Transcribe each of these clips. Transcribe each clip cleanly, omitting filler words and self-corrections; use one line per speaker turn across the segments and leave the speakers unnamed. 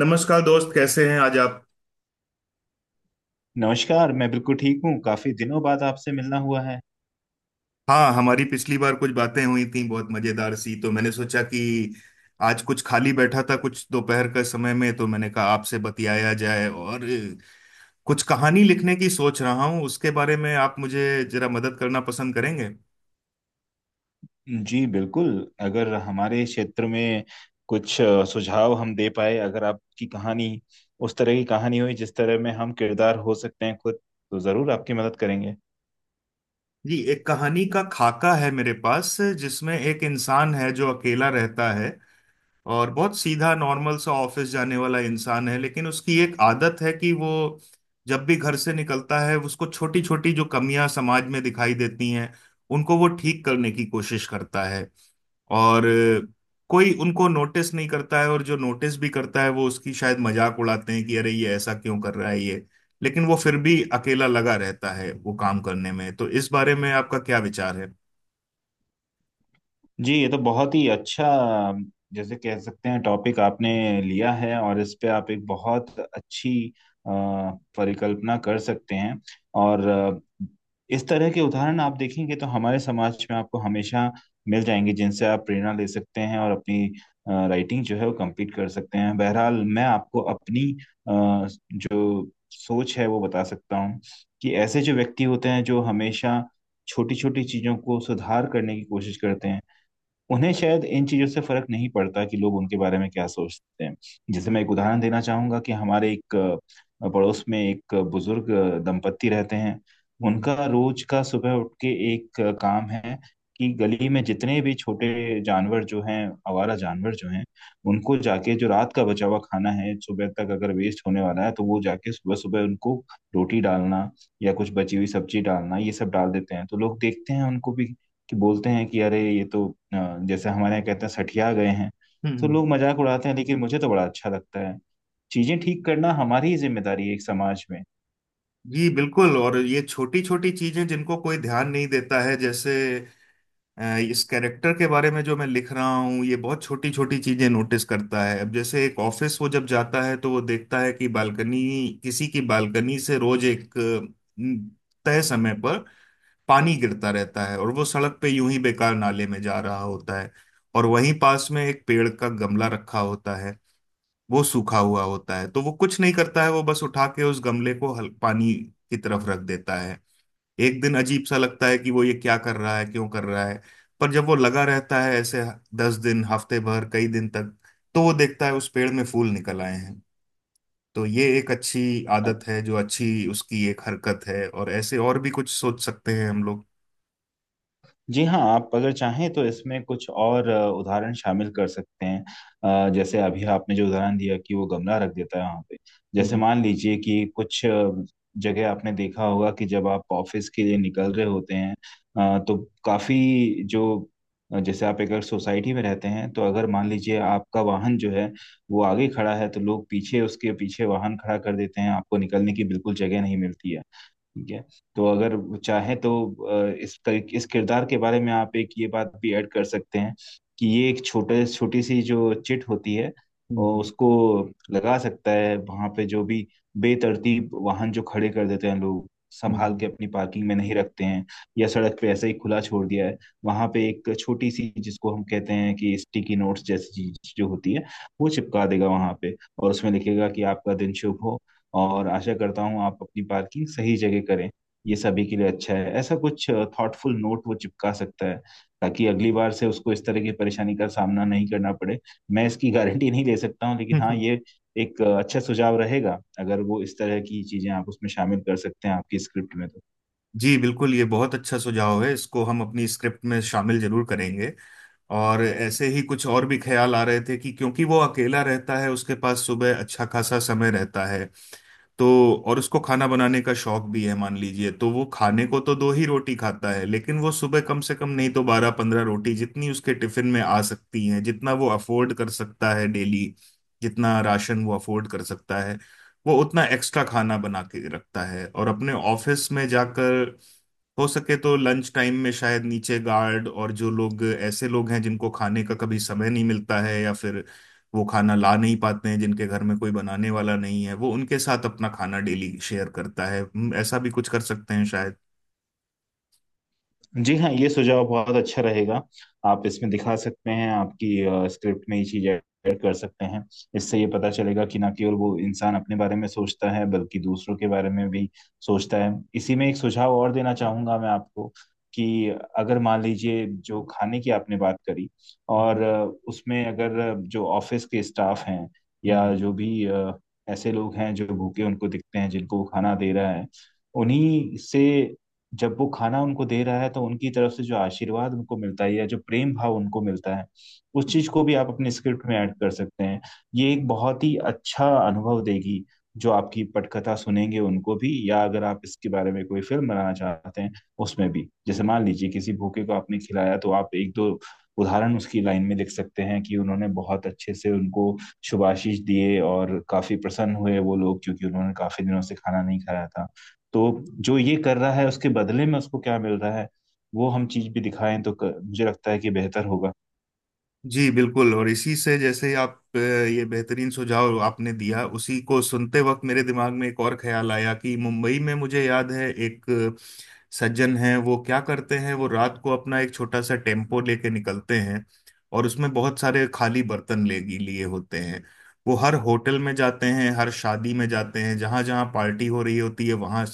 नमस्कार दोस्त, कैसे हैं आज आप।
नमस्कार। मैं बिल्कुल ठीक हूँ, काफी दिनों बाद आपसे मिलना हुआ है।
हाँ, हमारी पिछली बार कुछ बातें हुई थी बहुत मजेदार सी, तो मैंने सोचा कि आज कुछ खाली बैठा था कुछ दोपहर के समय में, तो मैंने कहा आपसे बतियाया जाए। और कुछ कहानी लिखने की सोच रहा हूँ, उसके बारे में आप मुझे जरा मदद करना पसंद करेंगे।
जी बिल्कुल, अगर हमारे क्षेत्र में कुछ सुझाव हम दे पाए, अगर आपकी कहानी उस तरह की कहानी हुई जिस तरह में हम किरदार हो सकते हैं खुद, तो जरूर आपकी मदद करेंगे।
जी, एक कहानी का खाका है मेरे पास जिसमें एक इंसान है जो अकेला रहता है और बहुत सीधा नॉर्मल सा ऑफिस जाने वाला इंसान है। लेकिन उसकी एक आदत है कि वो जब भी घर से निकलता है उसको छोटी छोटी जो कमियां समाज में दिखाई देती हैं उनको वो ठीक करने की कोशिश करता है। और कोई उनको नोटिस नहीं करता है, और जो नोटिस भी करता है वो उसकी शायद मजाक उड़ाते हैं कि अरे ये ऐसा क्यों कर रहा है ये। लेकिन वो फिर भी अकेला लगा रहता है वो काम करने में। तो इस बारे में आपका क्या विचार है।
जी ये तो बहुत ही अच्छा जैसे कह सकते हैं टॉपिक आपने लिया है, और इस पे आप एक बहुत अच्छी अ, परिकल्पना कर सकते हैं। और इस तरह के उदाहरण आप देखेंगे तो हमारे समाज में आपको हमेशा मिल जाएंगे, जिनसे आप प्रेरणा ले सकते हैं और अपनी राइटिंग जो है वो कंप्लीट कर सकते हैं। बहरहाल मैं आपको अपनी अ, जो सोच है वो बता सकता हूँ कि ऐसे जो व्यक्ति होते हैं जो हमेशा छोटी छोटी चीजों को सुधार करने की कोशिश करते हैं, उन्हें शायद इन चीज़ों से फ़र्क नहीं पड़ता कि लोग उनके बारे में क्या सोचते हैं। जैसे मैं एक उदाहरण देना चाहूँगा कि हमारे एक पड़ोस में एक बुज़ुर्ग दंपत्ति रहते हैं।
हम्म।
उनका रोज़ का सुबह उठ के एक काम है कि गली में जितने भी छोटे जानवर जो हैं, आवारा जानवर जो हैं, उनको जाके जो रात का बचा हुआ खाना है, सुबह तक अगर वेस्ट होने वाला है, तो वो जाके सुबह-सुबह उनको रोटी डालना या कुछ बची हुई सब्ज़ी डालना, ये सब डाल देते हैं। तो लोग देखते हैं उनको भी, कि बोलते हैं कि अरे ये तो अ, जैसे हमारे यहाँ कहते हैं सठिया गए हैं। तो
हम्म।
लोग मजाक उड़ाते हैं, लेकिन मुझे तो बड़ा अच्छा लगता है। चीजें ठीक करना हमारी ही जिम्मेदारी है एक समाज में।
जी बिल्कुल। और ये छोटी छोटी चीजें जिनको कोई ध्यान नहीं देता है, जैसे इस कैरेक्टर के बारे में जो मैं लिख रहा हूँ, ये बहुत छोटी छोटी चीजें नोटिस करता है। अब जैसे एक ऑफिस वो जब जाता है तो वो देखता है कि बालकनी, किसी की बालकनी से रोज एक तय समय पर पानी गिरता रहता है और वो सड़क पे यूं ही बेकार नाले में जा रहा होता है। और वहीं पास में एक पेड़ का गमला रखा होता है, वो सूखा हुआ होता है। तो वो कुछ नहीं करता है, वो बस उठा के उस गमले को हल पानी की तरफ रख देता है। एक दिन अजीब सा लगता है कि वो ये क्या कर रहा है, क्यों कर रहा है, पर जब वो लगा रहता है ऐसे 10 दिन, हफ्ते भर, कई दिन तक, तो वो देखता है उस पेड़ में फूल निकल आए हैं। तो ये एक अच्छी आदत है, जो अच्छी उसकी एक हरकत है, और ऐसे और भी कुछ सोच सकते हैं हम लोग।
जी हाँ, आप अगर चाहें तो इसमें कुछ और उदाहरण शामिल कर सकते हैं। जैसे अभी आपने जो उदाहरण दिया कि वो गमला रख देता है वहाँ पे, जैसे
हम्म।
मान लीजिए कि कुछ जगह आपने देखा होगा कि जब आप ऑफिस के लिए निकल रहे होते हैं, तो काफी जो जैसे आप एक अगर सोसाइटी में रहते हैं, तो अगर मान लीजिए आपका वाहन जो है वो आगे खड़ा है, तो लोग पीछे उसके पीछे वाहन खड़ा कर देते हैं, आपको निकलने की बिल्कुल जगह नहीं मिलती है। ठीक है, तो अगर चाहे तो इस तरीके इस किरदार के बारे में आप एक ये बात भी ऐड कर सकते हैं कि ये एक छोटे छोटी सी जो चिट होती है, और
हम्म।
उसको लगा सकता है वहां पे जो भी बेतरतीब वाहन जो खड़े कर देते हैं लोग, संभाल
हम्म।
के अपनी पार्किंग में नहीं रखते हैं या सड़क पे ऐसे ही खुला छोड़ दिया है, वहां पे एक छोटी सी जिसको हम कहते हैं कि स्टिकी नोट्स जैसी चीज जो होती है, वो चिपका देगा वहां पे और उसमें लिखेगा कि आपका दिन शुभ हो और आशा करता हूँ आप अपनी पार्किंग सही जगह करें, ये सभी के लिए अच्छा है, ऐसा कुछ थॉटफुल नोट वो चिपका सकता है ताकि अगली बार से उसको इस तरह की परेशानी का सामना नहीं करना पड़े। मैं इसकी गारंटी नहीं ले सकता हूँ, लेकिन
हम्म,
हाँ,
हम्म,
ये एक अच्छा सुझाव रहेगा अगर वो इस तरह की चीजें आप उसमें शामिल कर सकते हैं आपकी स्क्रिप्ट में तो।
जी बिल्कुल, ये बहुत अच्छा सुझाव है, इसको हम अपनी स्क्रिप्ट में शामिल जरूर करेंगे। और ऐसे ही कुछ और भी ख्याल आ रहे थे कि, क्योंकि वो अकेला रहता है उसके पास सुबह अच्छा खासा समय रहता है, तो और उसको खाना बनाने का शौक भी है मान लीजिए, तो वो खाने को तो 2 ही रोटी खाता है, लेकिन वो सुबह कम से कम नहीं तो 12 पंद्रह रोटी जितनी उसके टिफिन में आ सकती हैं, जितना वो अफोर्ड कर सकता है डेली, जितना राशन वो अफोर्ड कर सकता है, वो उतना एक्स्ट्रा खाना बना के रखता है। और अपने ऑफिस में जाकर हो सके तो लंच टाइम में शायद नीचे गार्ड और जो लोग, ऐसे लोग हैं जिनको खाने का कभी समय नहीं मिलता है, या फिर वो खाना ला नहीं पाते हैं, जिनके घर में कोई बनाने वाला नहीं है, वो उनके साथ अपना खाना डेली शेयर करता है। ऐसा भी कुछ कर सकते हैं शायद।
जी हाँ, ये सुझाव बहुत अच्छा रहेगा। आप इसमें दिखा सकते हैं, आपकी स्क्रिप्ट में ये चीज ऐड कर सकते हैं। इससे ये पता चलेगा कि ना केवल वो इंसान अपने बारे में सोचता है बल्कि दूसरों के बारे में भी सोचता है। इसी में एक सुझाव और देना चाहूंगा मैं आपको कि अगर मान लीजिए जो खाने की आपने बात करी, और
हम्म,
उसमें अगर जो ऑफिस के स्टाफ हैं या
हम्म।
जो भी ऐसे लोग हैं जो भूखे उनको दिखते हैं जिनको वो खाना दे रहा है, उन्हीं से जब वो खाना उनको दे रहा है तो उनकी तरफ से जो आशीर्वाद उनको मिलता है या जो प्रेम भाव उनको मिलता है, उस चीज को भी आप अपने स्क्रिप्ट में ऐड कर सकते हैं। ये एक बहुत ही अच्छा अनुभव देगी जो आपकी पटकथा सुनेंगे उनको भी, या अगर आप इसके बारे में कोई फिल्म बनाना चाहते हैं उसमें भी। जैसे मान लीजिए किसी भूखे को आपने खिलाया, तो आप एक दो उदाहरण उसकी लाइन में लिख सकते हैं कि उन्होंने बहुत अच्छे से उनको शुभाशीष दिए और काफी प्रसन्न हुए वो लोग, क्योंकि उन्होंने काफी दिनों से खाना नहीं खाया था। तो जो ये कर रहा है उसके बदले में उसको क्या मिल रहा है, वो हम चीज भी दिखाएं तो मुझे लगता है कि बेहतर होगा।
जी बिल्कुल। और इसी से, जैसे आप ये बेहतरीन सुझाव आपने दिया, उसी को सुनते वक्त मेरे दिमाग में एक और ख्याल आया कि मुंबई में मुझे याद है एक सज्जन हैं, वो क्या करते हैं, वो रात को अपना एक छोटा सा टेम्पो लेके निकलते हैं और उसमें बहुत सारे खाली बर्तन ले लिए होते हैं। वो हर होटल में जाते हैं, हर शादी में जाते हैं, जहां जहां पार्टी हो रही होती है वहां,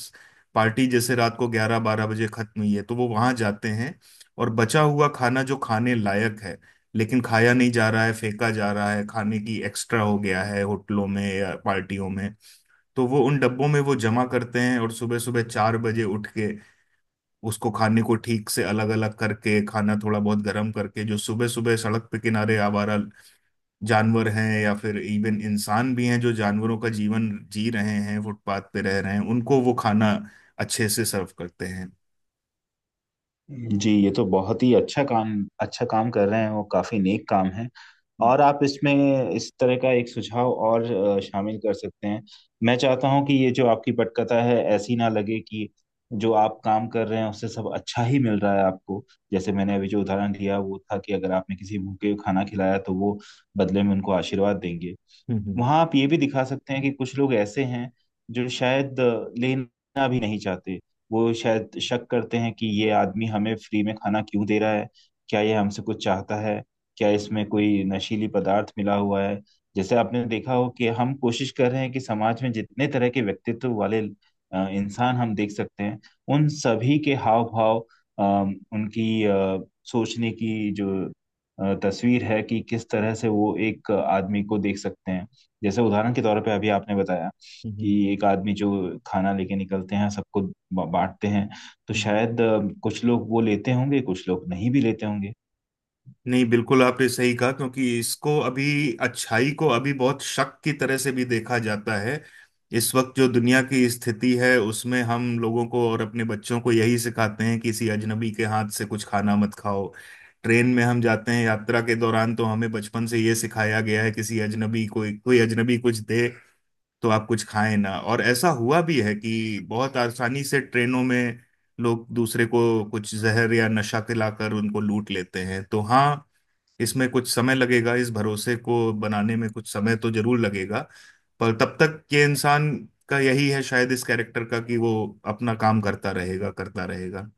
पार्टी जैसे रात को 11 बारह बजे खत्म हुई है तो वो वहां जाते हैं, और बचा हुआ खाना जो खाने लायक है लेकिन खाया नहीं जा रहा है, फेंका जा रहा है, खाने की एक्स्ट्रा हो गया है होटलों में या पार्टियों में, तो वो उन डब्बों में वो जमा करते हैं। और सुबह सुबह 4 बजे उठ के उसको खाने को ठीक से अलग अलग करके, खाना थोड़ा बहुत गर्म करके, जो सुबह सुबह सड़क पे किनारे आवारा जानवर हैं, या फिर इवन इंसान भी हैं जो जानवरों का जीवन जी रहे हैं फुटपाथ पे रह रहे हैं, उनको वो खाना अच्छे से सर्व करते हैं।
जी ये तो बहुत ही अच्छा काम, अच्छा काम कर रहे हैं वो, काफी नेक काम है।
हम्म।
और आप इसमें इस तरह का एक सुझाव और शामिल कर सकते हैं। मैं चाहता हूं कि ये जो आपकी पटकथा है ऐसी ना लगे कि जो आप काम कर रहे हैं उससे सब अच्छा ही मिल रहा है आपको। जैसे मैंने अभी जो उदाहरण दिया वो था कि अगर आपने किसी भूखे को खाना खिलाया तो वो बदले में उनको आशीर्वाद देंगे।
हम्म।
वहां आप ये भी दिखा सकते हैं कि कुछ लोग ऐसे हैं जो शायद लेना भी नहीं चाहते, वो शायद शक करते हैं कि ये आदमी हमें फ्री में खाना क्यों दे रहा है, क्या ये हमसे कुछ चाहता है, क्या इसमें कोई नशीली पदार्थ मिला हुआ है। जैसे आपने देखा हो कि हम कोशिश कर रहे हैं कि समाज में जितने तरह के व्यक्तित्व वाले इंसान हम देख सकते हैं, उन सभी के हाव भाव, उनकी सोचने की जो तस्वीर है कि किस तरह से वो एक आदमी को देख सकते हैं। जैसे उदाहरण के तौर पे अभी आपने बताया कि
हम्म।
एक आदमी जो खाना लेके निकलते हैं सबको बांटते हैं, तो
हम्म,
शायद कुछ लोग वो लेते होंगे, कुछ लोग नहीं भी लेते होंगे।
नहीं, बिल्कुल आपने सही कहा, क्योंकि इसको अभी, अच्छाई को अभी बहुत शक की तरह से भी देखा जाता है। इस वक्त जो दुनिया की स्थिति है उसमें हम लोगों को और अपने बच्चों को यही सिखाते हैं, किसी अजनबी के हाथ से कुछ खाना मत खाओ। ट्रेन में हम जाते हैं यात्रा के दौरान तो हमें बचपन से ये सिखाया गया है, किसी अजनबी को, कोई अजनबी कुछ दे तो आप कुछ खाएं ना। और ऐसा हुआ भी है कि बहुत आसानी से ट्रेनों में लोग दूसरे को कुछ जहर या नशा खिलाकर उनको लूट लेते हैं। तो हाँ, इसमें कुछ समय लगेगा, इस भरोसे को बनाने में कुछ समय तो जरूर लगेगा। पर तब तक ये इंसान का यही है शायद इस कैरेक्टर का कि वो अपना काम करता रहेगा।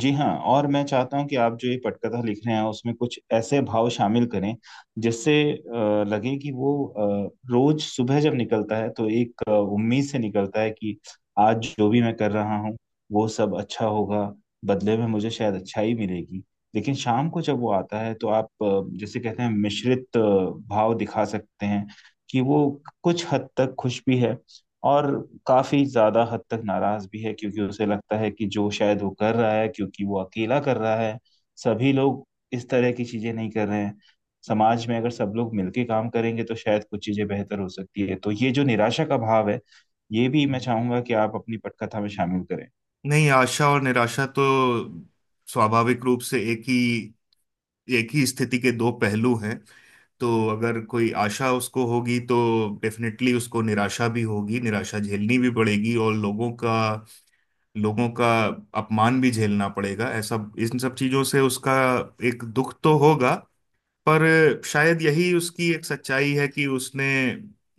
जी हाँ, और मैं चाहता हूँ कि आप जो ये पटकथा लिख रहे हैं उसमें कुछ ऐसे भाव शामिल करें जिससे लगे कि वो रोज सुबह जब निकलता है तो एक उम्मीद से निकलता है कि आज जो भी मैं कर रहा हूँ वो सब अच्छा होगा, बदले में मुझे शायद अच्छाई मिलेगी। लेकिन शाम को जब वो आता है तो आप जैसे कहते हैं मिश्रित भाव दिखा सकते हैं कि वो कुछ हद तक खुश भी है, और काफी ज्यादा हद तक नाराज भी है, क्योंकि उसे लगता है कि जो शायद वो कर रहा है क्योंकि वो अकेला कर रहा है, सभी लोग इस तरह की चीजें नहीं कर रहे हैं। समाज में अगर सब लोग मिलके काम करेंगे तो शायद कुछ चीजें बेहतर हो सकती है, तो ये जो निराशा का भाव है ये भी मैं चाहूंगा कि आप अपनी पटकथा में शामिल करें।
नहीं, आशा और निराशा तो स्वाभाविक रूप से एक ही स्थिति के दो पहलू हैं। तो अगर कोई आशा उसको होगी तो डेफिनेटली उसको निराशा भी होगी, निराशा झेलनी भी पड़ेगी, और लोगों का अपमान भी झेलना पड़ेगा ऐसा। इन सब चीजों से उसका एक दुख तो होगा, पर शायद यही उसकी एक सच्चाई है कि उसने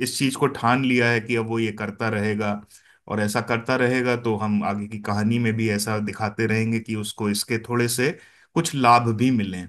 इस चीज को ठान लिया है कि अब वो ये करता रहेगा और ऐसा करता रहेगा। तो हम आगे की कहानी में भी ऐसा दिखाते रहेंगे कि उसको इसके थोड़े से कुछ लाभ भी मिलें।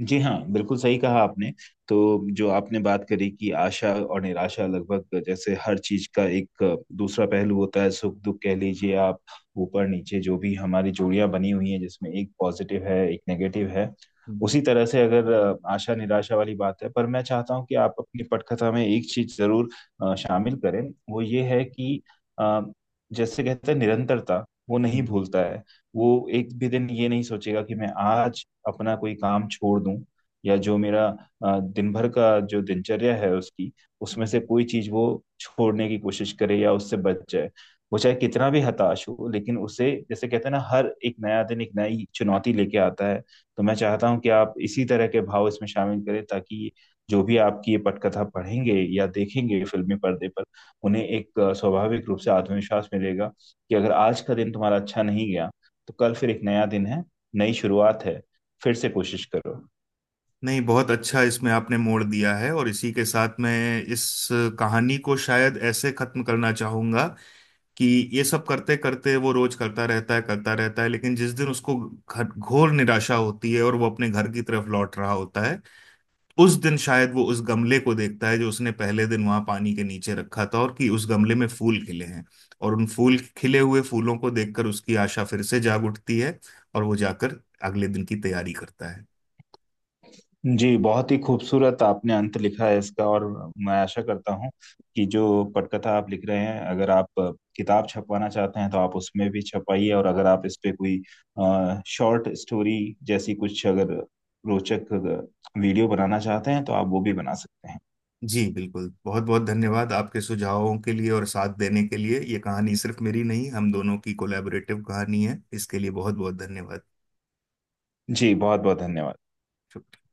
जी हाँ, बिल्कुल सही कहा आपने। तो जो आपने बात करी कि आशा और निराशा, लगभग जैसे हर चीज का एक दूसरा पहलू होता है, सुख दुख कह लीजिए आप, ऊपर नीचे, जो भी हमारी जोड़ियां बनी हुई हैं जिसमें एक पॉजिटिव है एक नेगेटिव है,
हम्म,
उसी तरह से अगर आशा निराशा वाली बात है। पर मैं चाहता हूँ कि आप अपनी पटकथा में एक चीज जरूर शामिल करें, वो ये है कि अ, जैसे कहते हैं निरंतरता, वो नहीं
हम्म,
भूलता है, वो एक भी दिन ये नहीं सोचेगा कि मैं आज अपना कोई काम छोड़ दूं या जो मेरा दिन भर का जो दिनचर्या है उसकी, उसमें
हम्म।
से कोई चीज वो छोड़ने की कोशिश करे या उससे बच जाए। वो चाहे कितना भी हताश हो, लेकिन उसे जैसे कहते हैं ना हर एक नया दिन एक नई चुनौती लेके आता है। तो मैं चाहता हूं कि आप इसी तरह के भाव इसमें शामिल करें, ताकि जो भी आपकी ये पटकथा पढ़ेंगे या देखेंगे फिल्मी पर्दे पर, उन्हें एक स्वाभाविक रूप से आत्मविश्वास मिलेगा कि अगर आज का दिन तुम्हारा अच्छा नहीं गया तो कल फिर एक नया दिन है, नई शुरुआत है, फिर से कोशिश करो।
नहीं, बहुत अच्छा इसमें आपने मोड़ दिया है, और इसी के साथ मैं इस कहानी को शायद ऐसे खत्म करना चाहूंगा कि ये सब करते करते वो रोज करता रहता है, करता रहता है, लेकिन जिस दिन उसको घर, घोर निराशा होती है और वो अपने घर की तरफ लौट रहा होता है, उस दिन शायद वो उस गमले को देखता है जो उसने पहले दिन वहां पानी के नीचे रखा था, और कि उस गमले में फूल खिले हैं, और उन फूल खिले हुए फूलों को देखकर उसकी आशा फिर से जाग उठती है, और वो जाकर अगले दिन की तैयारी करता है।
जी बहुत ही खूबसूरत आपने अंत लिखा है इसका, और मैं आशा करता हूँ कि जो पटकथा आप लिख रहे हैं, अगर आप किताब छपवाना चाहते हैं तो आप उसमें भी छपाइए, और अगर आप इस पे कोई शॉर्ट स्टोरी जैसी कुछ अगर रोचक वीडियो बनाना चाहते हैं तो आप वो भी बना सकते हैं।
जी बिल्कुल, बहुत बहुत धन्यवाद आपके सुझावों के लिए और साथ देने के लिए। ये कहानी सिर्फ मेरी नहीं, हम दोनों की कोलैबोरेटिव कहानी है, इसके लिए बहुत बहुत धन्यवाद।
जी बहुत बहुत धन्यवाद।
पड़ जय filtrateध